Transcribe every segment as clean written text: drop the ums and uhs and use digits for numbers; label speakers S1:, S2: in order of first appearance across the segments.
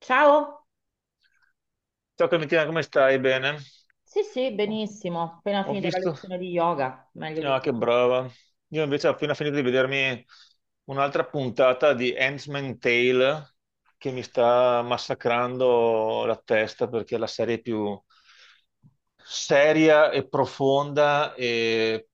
S1: Ciao?
S2: Ciao Clementina, come stai? Bene?
S1: Sì, sì,
S2: Oh,
S1: benissimo. Appena
S2: ho
S1: finito la
S2: visto...
S1: lezione di yoga, meglio di
S2: Ah, che
S1: così.
S2: brava. Io invece ho appena finito di vedermi un'altra puntata di Handmaid's Tale che mi sta massacrando la testa perché è la serie più seria e profonda e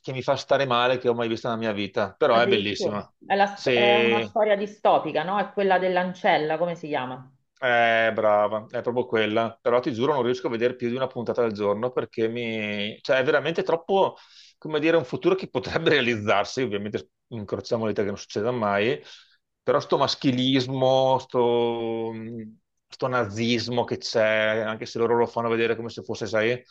S2: che mi fa stare male che ho mai visto nella mia vita. Però è
S1: Addirittura.
S2: bellissima.
S1: È, è una
S2: Se
S1: storia distopica, no? È quella dell'ancella, come si chiama?
S2: Brava, è proprio quella. Però ti giuro, non riesco a vedere più di una puntata al giorno perché mi... cioè, è veramente troppo, come dire, un futuro che potrebbe realizzarsi. Ovviamente incrociamo le dita che non succeda mai. Però sto maschilismo, sto nazismo che c'è, anche se loro lo fanno vedere come se fosse, sai,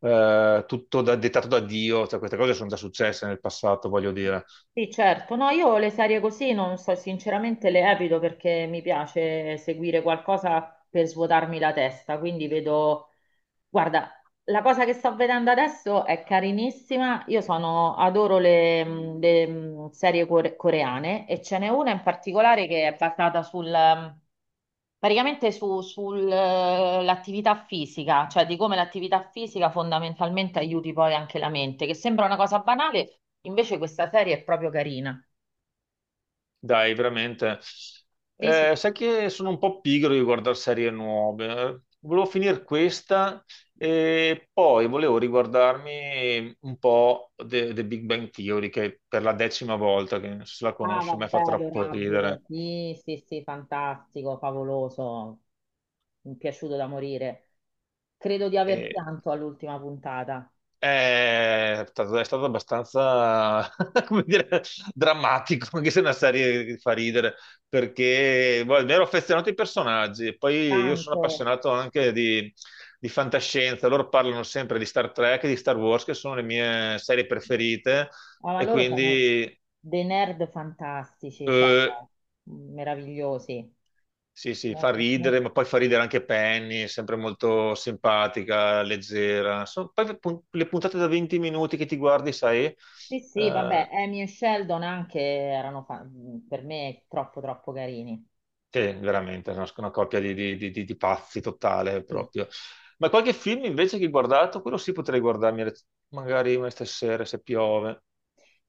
S2: tutto dettato da Dio. Cioè, queste cose sono già successe nel passato, voglio dire.
S1: Sì, certo. No, io le serie così non so, sinceramente le evito perché mi piace seguire qualcosa per svuotarmi la testa, quindi vedo. Guarda, la cosa che sto vedendo adesso è carinissima. Io sono, adoro le, serie coreane, e ce n'è una in particolare che è basata sul praticamente sull'attività fisica, cioè di come l'attività fisica fondamentalmente aiuti poi anche la mente, che sembra una cosa banale, invece questa serie è proprio carina.
S2: Dai, veramente.
S1: Sì, sì.
S2: Sai che sono un po' pigro di guardare serie nuove. Volevo finire questa e poi volevo riguardarmi un po' The Big Bang Theory, che per la decima volta, che non so se la
S1: Ah,
S2: conosci, mi ha
S1: vabbè,
S2: fatto troppo
S1: adorabile.
S2: ridere.
S1: Sì, sì, sì, fantastico, favoloso. Mi è piaciuto da morire. Credo di aver pianto all'ultima puntata.
S2: È stato abbastanza, come dire, drammatico, anche se è una serie che fa ridere, perché boh, mi ero affezionato ai personaggi, poi io sono
S1: Tanto.
S2: appassionato anche di fantascienza, loro parlano sempre di Star Trek e di Star Wars, che sono le mie serie preferite,
S1: Ah, ma
S2: e
S1: loro sono
S2: quindi
S1: dei nerd fantastici, cioè,
S2: eh,
S1: meravigliosi.
S2: sì, sì,
S1: No,
S2: fa
S1: no, no.
S2: ridere, ma poi fa ridere anche Penny, sempre molto simpatica, leggera. Le puntate da 20 minuti che ti guardi, sai...
S1: Sì, sì,
S2: Eh,
S1: vabbè, Amy e Sheldon anche per me troppo, troppo carini.
S2: che veramente, è una coppia di pazzi totale
S1: Sì.
S2: proprio. Ma qualche film invece che ho guardato, quello sì potrei guardarmi magari una stasera se piove.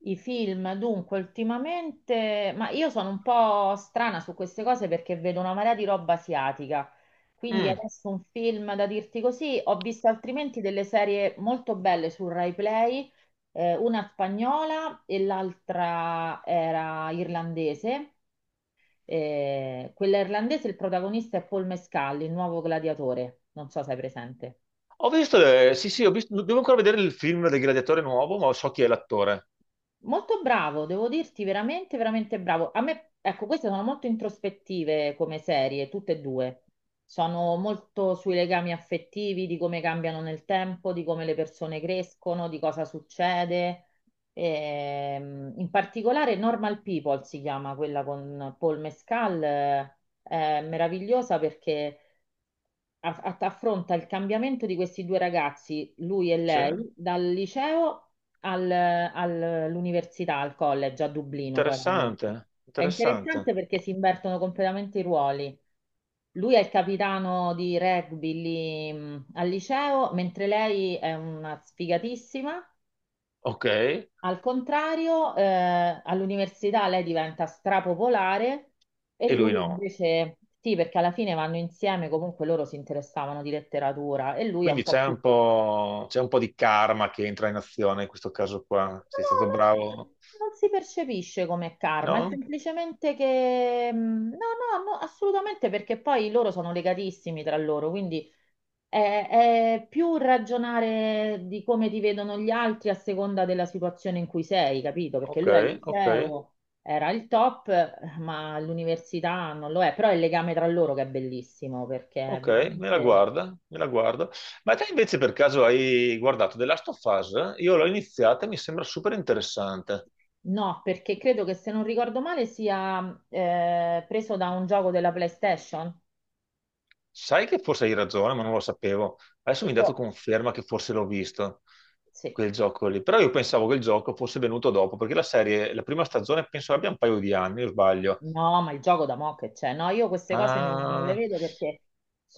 S1: I film, dunque, ultimamente, ma io sono un po' strana su queste cose perché vedo una marea di roba asiatica. Quindi
S2: Mm.
S1: adesso un film da dirti così, ho visto altrimenti delle serie molto belle su Rai Play, una spagnola e l'altra era irlandese. Quella irlandese, il protagonista è Paul Mescal, il nuovo gladiatore. Non so se hai presente.
S2: Ho visto, sì sì, ho visto, devo ancora vedere il film del Gladiatore nuovo, ma so chi è l'attore.
S1: Molto bravo, devo dirti, veramente, veramente bravo. A me, ecco, queste sono molto introspettive come serie, tutte e due. Sono molto sui legami affettivi, di come cambiano nel tempo, di come le persone crescono, di cosa succede. In particolare Normal People si chiama quella con Paul Mescal, è meravigliosa perché affronta il cambiamento di questi due ragazzi, lui e
S2: Sì.
S1: lei, dal liceo all'università, al college a Dublino, poi ovviamente.
S2: Interessante,
S1: È
S2: interessante.
S1: interessante perché si invertono completamente i ruoli. Lui è il capitano di rugby lì, al liceo, mentre lei è una sfigatissima
S2: Ok, e
S1: al contrario. All'università lei diventa strapopolare, e
S2: lui
S1: lui
S2: no.
S1: invece sì, perché alla fine vanno insieme, comunque loro si interessavano di letteratura e lui è un
S2: Quindi
S1: po' più.
S2: c'è un po' di karma che entra in azione in questo caso qua. Sei stato
S1: No,
S2: bravo?
S1: non si percepisce come karma, è
S2: No?
S1: semplicemente che. No, no, no, assolutamente, perché poi loro sono legatissimi tra loro, quindi è, è più ragionare di come ti vedono gli altri a seconda della situazione in cui sei, capito? Perché
S2: Ok,
S1: lui al
S2: ok.
S1: liceo era il top, ma all'università non lo è, però è il legame tra loro che è bellissimo perché è
S2: Ok,
S1: veramente...
S2: me la guardo. Ma te invece per caso hai guardato The Last of Us? Io l'ho iniziata e mi sembra super interessante.
S1: No, perché credo che se non ricordo male sia preso da un gioco della PlayStation.
S2: Sai che forse hai ragione, ma non lo sapevo. Adesso
S1: E
S2: mi hai dato
S1: io-
S2: conferma che forse l'ho visto,
S1: sì,
S2: quel gioco lì. Però io pensavo che il gioco fosse venuto dopo, perché la serie, la prima stagione penso abbia un paio di anni, o sbaglio.
S1: no, ma il gioco da mo' che c'è. No, io queste cose non le
S2: Ah,
S1: vedo perché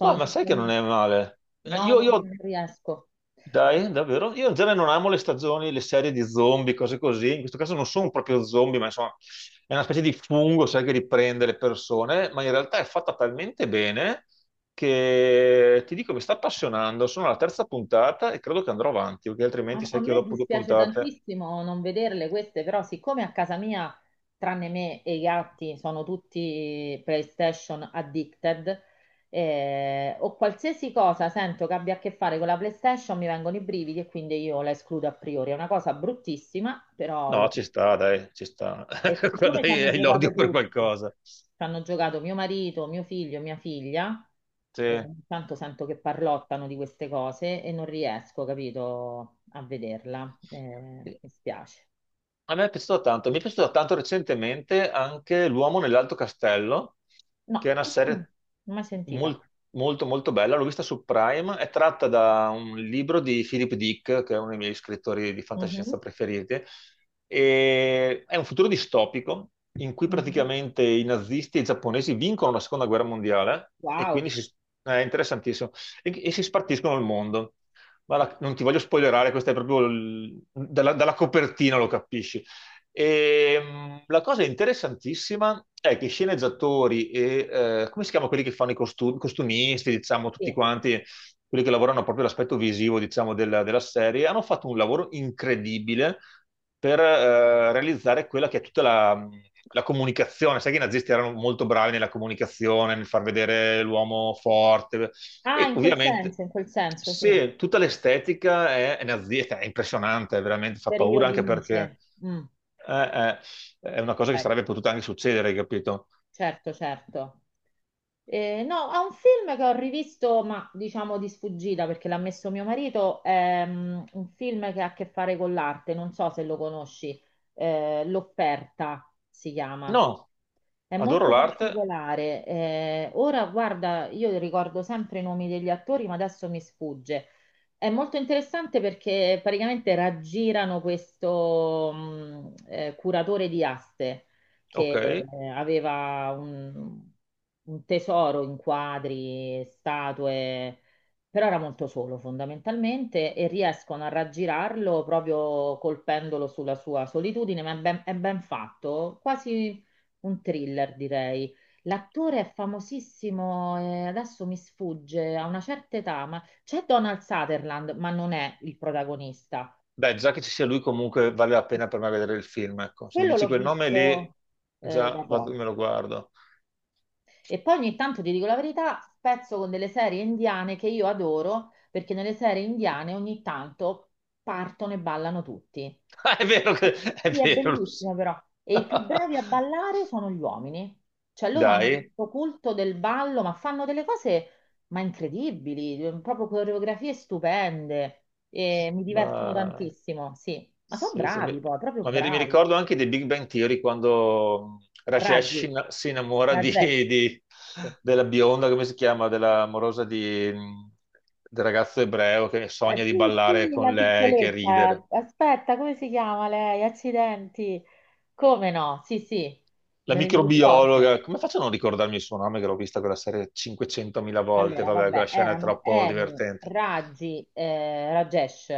S2: ma sai che non è male?
S1: No,
S2: Io
S1: non riesco.
S2: dai, davvero? Io in genere non amo le stagioni, le serie di zombie, cose così. In questo caso non sono proprio zombie, ma insomma è una specie di fungo, sai, che riprende le persone, ma in realtà è fatta talmente bene che ti dico, mi sta appassionando. Sono alla terza puntata e credo che andrò avanti, perché altrimenti
S1: A, a
S2: sai che io
S1: me
S2: dopo due
S1: dispiace
S2: puntate...
S1: tantissimo non vederle queste, però siccome a casa mia, tranne me e i gatti, sono tutti PlayStation addicted, o qualsiasi cosa sento che abbia a che fare con la PlayStation, mi vengono i brividi e quindi io la escludo a priori. È una cosa bruttissima, però lo
S2: No, ci
S1: faccio.
S2: sta, dai, ci sta.
S1: E
S2: Quando
S1: siccome ci hanno
S2: hai
S1: giocato
S2: l'odio per
S1: tutti,
S2: qualcosa.
S1: ci hanno giocato mio marito, mio figlio, mia figlia, e
S2: Sì.
S1: ogni tanto sento che parlottano di queste cose e non riesco, capito, a vederla. Mi spiace.
S2: A me è piaciuto tanto, mi è piaciuto tanto recentemente anche L'uomo nell'alto castello,
S1: No,
S2: che è una
S1: questa no, non
S2: serie
S1: l'ho mai sentita.
S2: mol- molto molto bella, l'ho vista su Prime, è tratta da un libro di Philip Dick, che è uno dei miei scrittori di
S1: Mhm,
S2: fantascienza preferiti, e è un futuro distopico in cui
S1: mhm.
S2: praticamente i nazisti e i giapponesi vincono la seconda guerra mondiale e
S1: Wow,
S2: quindi è interessantissimo, e si spartiscono il mondo. Ma non ti voglio spoilerare, questa è proprio dalla, dalla copertina lo capisci. E, la cosa interessantissima è che i sceneggiatori e come si chiamano quelli che fanno i costumisti, diciamo, tutti
S1: sì.
S2: quanti, quelli che lavorano proprio l'aspetto visivo, diciamo, della serie, hanno fatto un lavoro incredibile per realizzare quella che è tutta la comunicazione. Sai che i nazisti erano molto bravi nella comunicazione, nel far vedere l'uomo forte,
S1: Ah,
S2: e ovviamente,
S1: in quel senso, sì.
S2: se tutta l'estetica è nazista, è impressionante, veramente fa paura
S1: Periodi
S2: anche perché
S1: Nice. Mm.
S2: è, è- è una cosa che
S1: Ok.
S2: sarebbe potuta anche succedere, hai capito?
S1: Certo, certo. No, ha un film che ho rivisto, ma diciamo di sfuggita perché l'ha messo mio marito, è un film che ha a che fare con l'arte, non so se lo conosci, L'offerta si chiama.
S2: No,
S1: È
S2: adoro
S1: molto
S2: l'arte,
S1: particolare. Ora, guarda, io ricordo sempre i nomi degli attori, ma adesso mi sfugge. È molto interessante perché praticamente raggirano questo curatore di aste che
S2: ok.
S1: aveva un tesoro in quadri, statue, però era molto solo fondamentalmente e riescono a raggirarlo proprio colpendolo sulla sua solitudine, ma è ben fatto, quasi un thriller direi. L'attore è famosissimo, adesso mi sfugge, a una certa età, ma c'è Donald Sutherland, ma non è il protagonista.
S2: Dai, già che ci sia lui, comunque vale la pena per me vedere il film. Ecco. Se mi
S1: Quello
S2: dici
S1: l'ho
S2: quel nome lì,
S1: visto da poco.
S2: me lo guardo.
S1: E poi ogni tanto, ti dico la verità, spezzo con delle serie indiane che io adoro, perché nelle serie indiane ogni tanto partono e ballano tutti.
S2: Ah, è
S1: E si
S2: vero
S1: fa-
S2: che è
S1: sì, è
S2: vero, lo so.
S1: bellissimo però. E i più bravi a ballare sono gli uomini. Cioè loro hanno
S2: Dai,
S1: questo culto del ballo, ma fanno delle cose ma incredibili, proprio coreografie stupende. E mi divertono
S2: ma
S1: tantissimo, sì. Ma sono
S2: sì,
S1: bravi poi, proprio
S2: ma mi
S1: bravi.
S2: ricordo anche di Big Bang Theory quando Rajesh
S1: Raggi,
S2: si innamora
S1: Rajesh.
S2: di-
S1: Sì.
S2: della bionda, come si chiama, della morosa di, del ragazzo ebreo che sogna di
S1: Sì,
S2: ballare
S1: sì, la
S2: con lei, che ridere.
S1: piccoletta. Aspetta, come si chiama lei? Accidenti. Come no? Sì, sì,
S2: La
S1: me ne ricordo.
S2: microbiologa, come faccio a non ricordarmi il suo nome che l'ho vista quella serie 500.000 volte?
S1: Allora,
S2: Vabbè, quella
S1: vabbè,
S2: scena è
S1: erano
S2: troppo
S1: Emi,
S2: divertente.
S1: Raggi, Rajesh,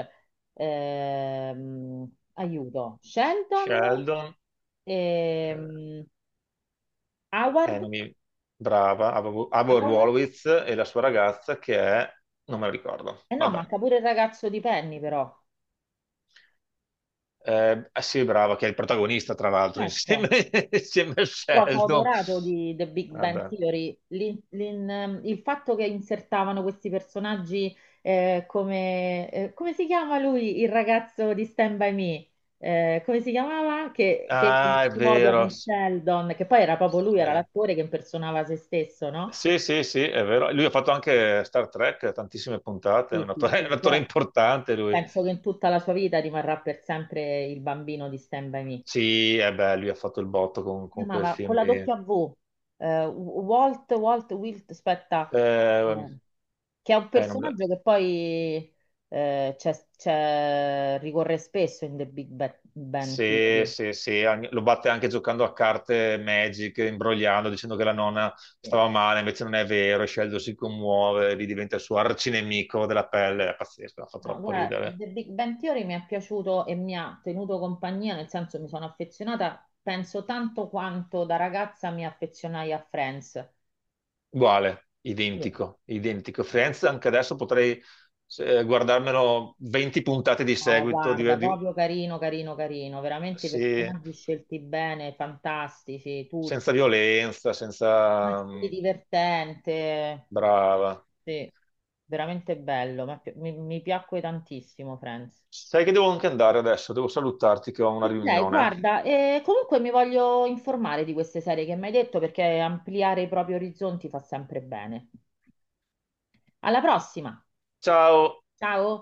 S1: aiuto, Sheldon,
S2: Sheldon, eh,
S1: ehm,
S2: non
S1: Howard,
S2: mi- brava, Ava
S1: Howard.
S2: Horowitz e la sua ragazza che è... Non me lo ricordo.
S1: Eh no,
S2: Vabbè.
S1: manca pure il ragazzo di Penny però.
S2: Ah sì, brava, che è il protagonista, tra l'altro, insieme,
S1: Ecco,
S2: insieme a
S1: però sono
S2: Sheldon.
S1: adorato di The Big Bang
S2: Vabbè.
S1: Theory, il fatto che insertavano questi personaggi come si chiama lui, il ragazzo di Stand By Me? Come si chiamava? Che
S2: Ah, è
S1: si odia
S2: vero.
S1: con Sheldon, che poi era proprio lui, era
S2: Eh,
S1: l'attore che impersonava se stesso, no?
S2: Sì, sì, sì, è vero. Lui ha fatto anche Star Trek, tantissime puntate, è
S1: Sì,
S2: un
S1: sì,
S2: attore, è un
S1: sì,
S2: attore
S1: però
S2: importante lui.
S1: penso che in tutta la sua vita rimarrà per sempre il bambino di Stand By Me.
S2: Sì, eh beh, lui ha fatto il botto
S1: Si
S2: con quel
S1: chiamava con
S2: film
S1: la
S2: lì.
S1: W, Walt, Walt, Wilt, aspetta.
S2: Eh,
S1: eh, che è un
S2: eh, non-
S1: personaggio che poi ricorre spesso in The Bang
S2: Sì,
S1: Theory.
S2: sì, sì, lo batte anche giocando a carte Magic, imbrogliando, dicendo che la nonna
S1: Sì.
S2: stava male, invece non è vero, e Sheldon si commuove, lì diventa il suo arcinemico della pelle, è pazzesco, fa
S1: No,
S2: troppo
S1: guarda,
S2: ridere.
S1: The Big Bang Theory mi è piaciuto e mi ha tenuto compagnia, nel senso mi sono affezionata, penso tanto quanto da ragazza mi affezionai a Friends.
S2: Uguale,
S1: Sì.
S2: identico, identico. Friends, anche adesso potrei guardarmelo 20 puntate di
S1: No,
S2: seguito,
S1: guarda, proprio carino, carino, carino, veramente i
S2: sì,
S1: personaggi scelti bene, fantastici,
S2: senza
S1: tutti.
S2: violenza,
S1: Eh
S2: senza...
S1: sì,
S2: mm,
S1: divertente,
S2: brava.
S1: sì, veramente bello, ma mi piacque tantissimo Friends.
S2: Sai che devo anche andare adesso, devo salutarti che ho una
S1: Ok,
S2: riunione.
S1: guarda, comunque mi voglio informare di queste serie che mi hai detto perché ampliare i propri orizzonti fa sempre bene. Alla prossima,
S2: Ciao!
S1: ciao!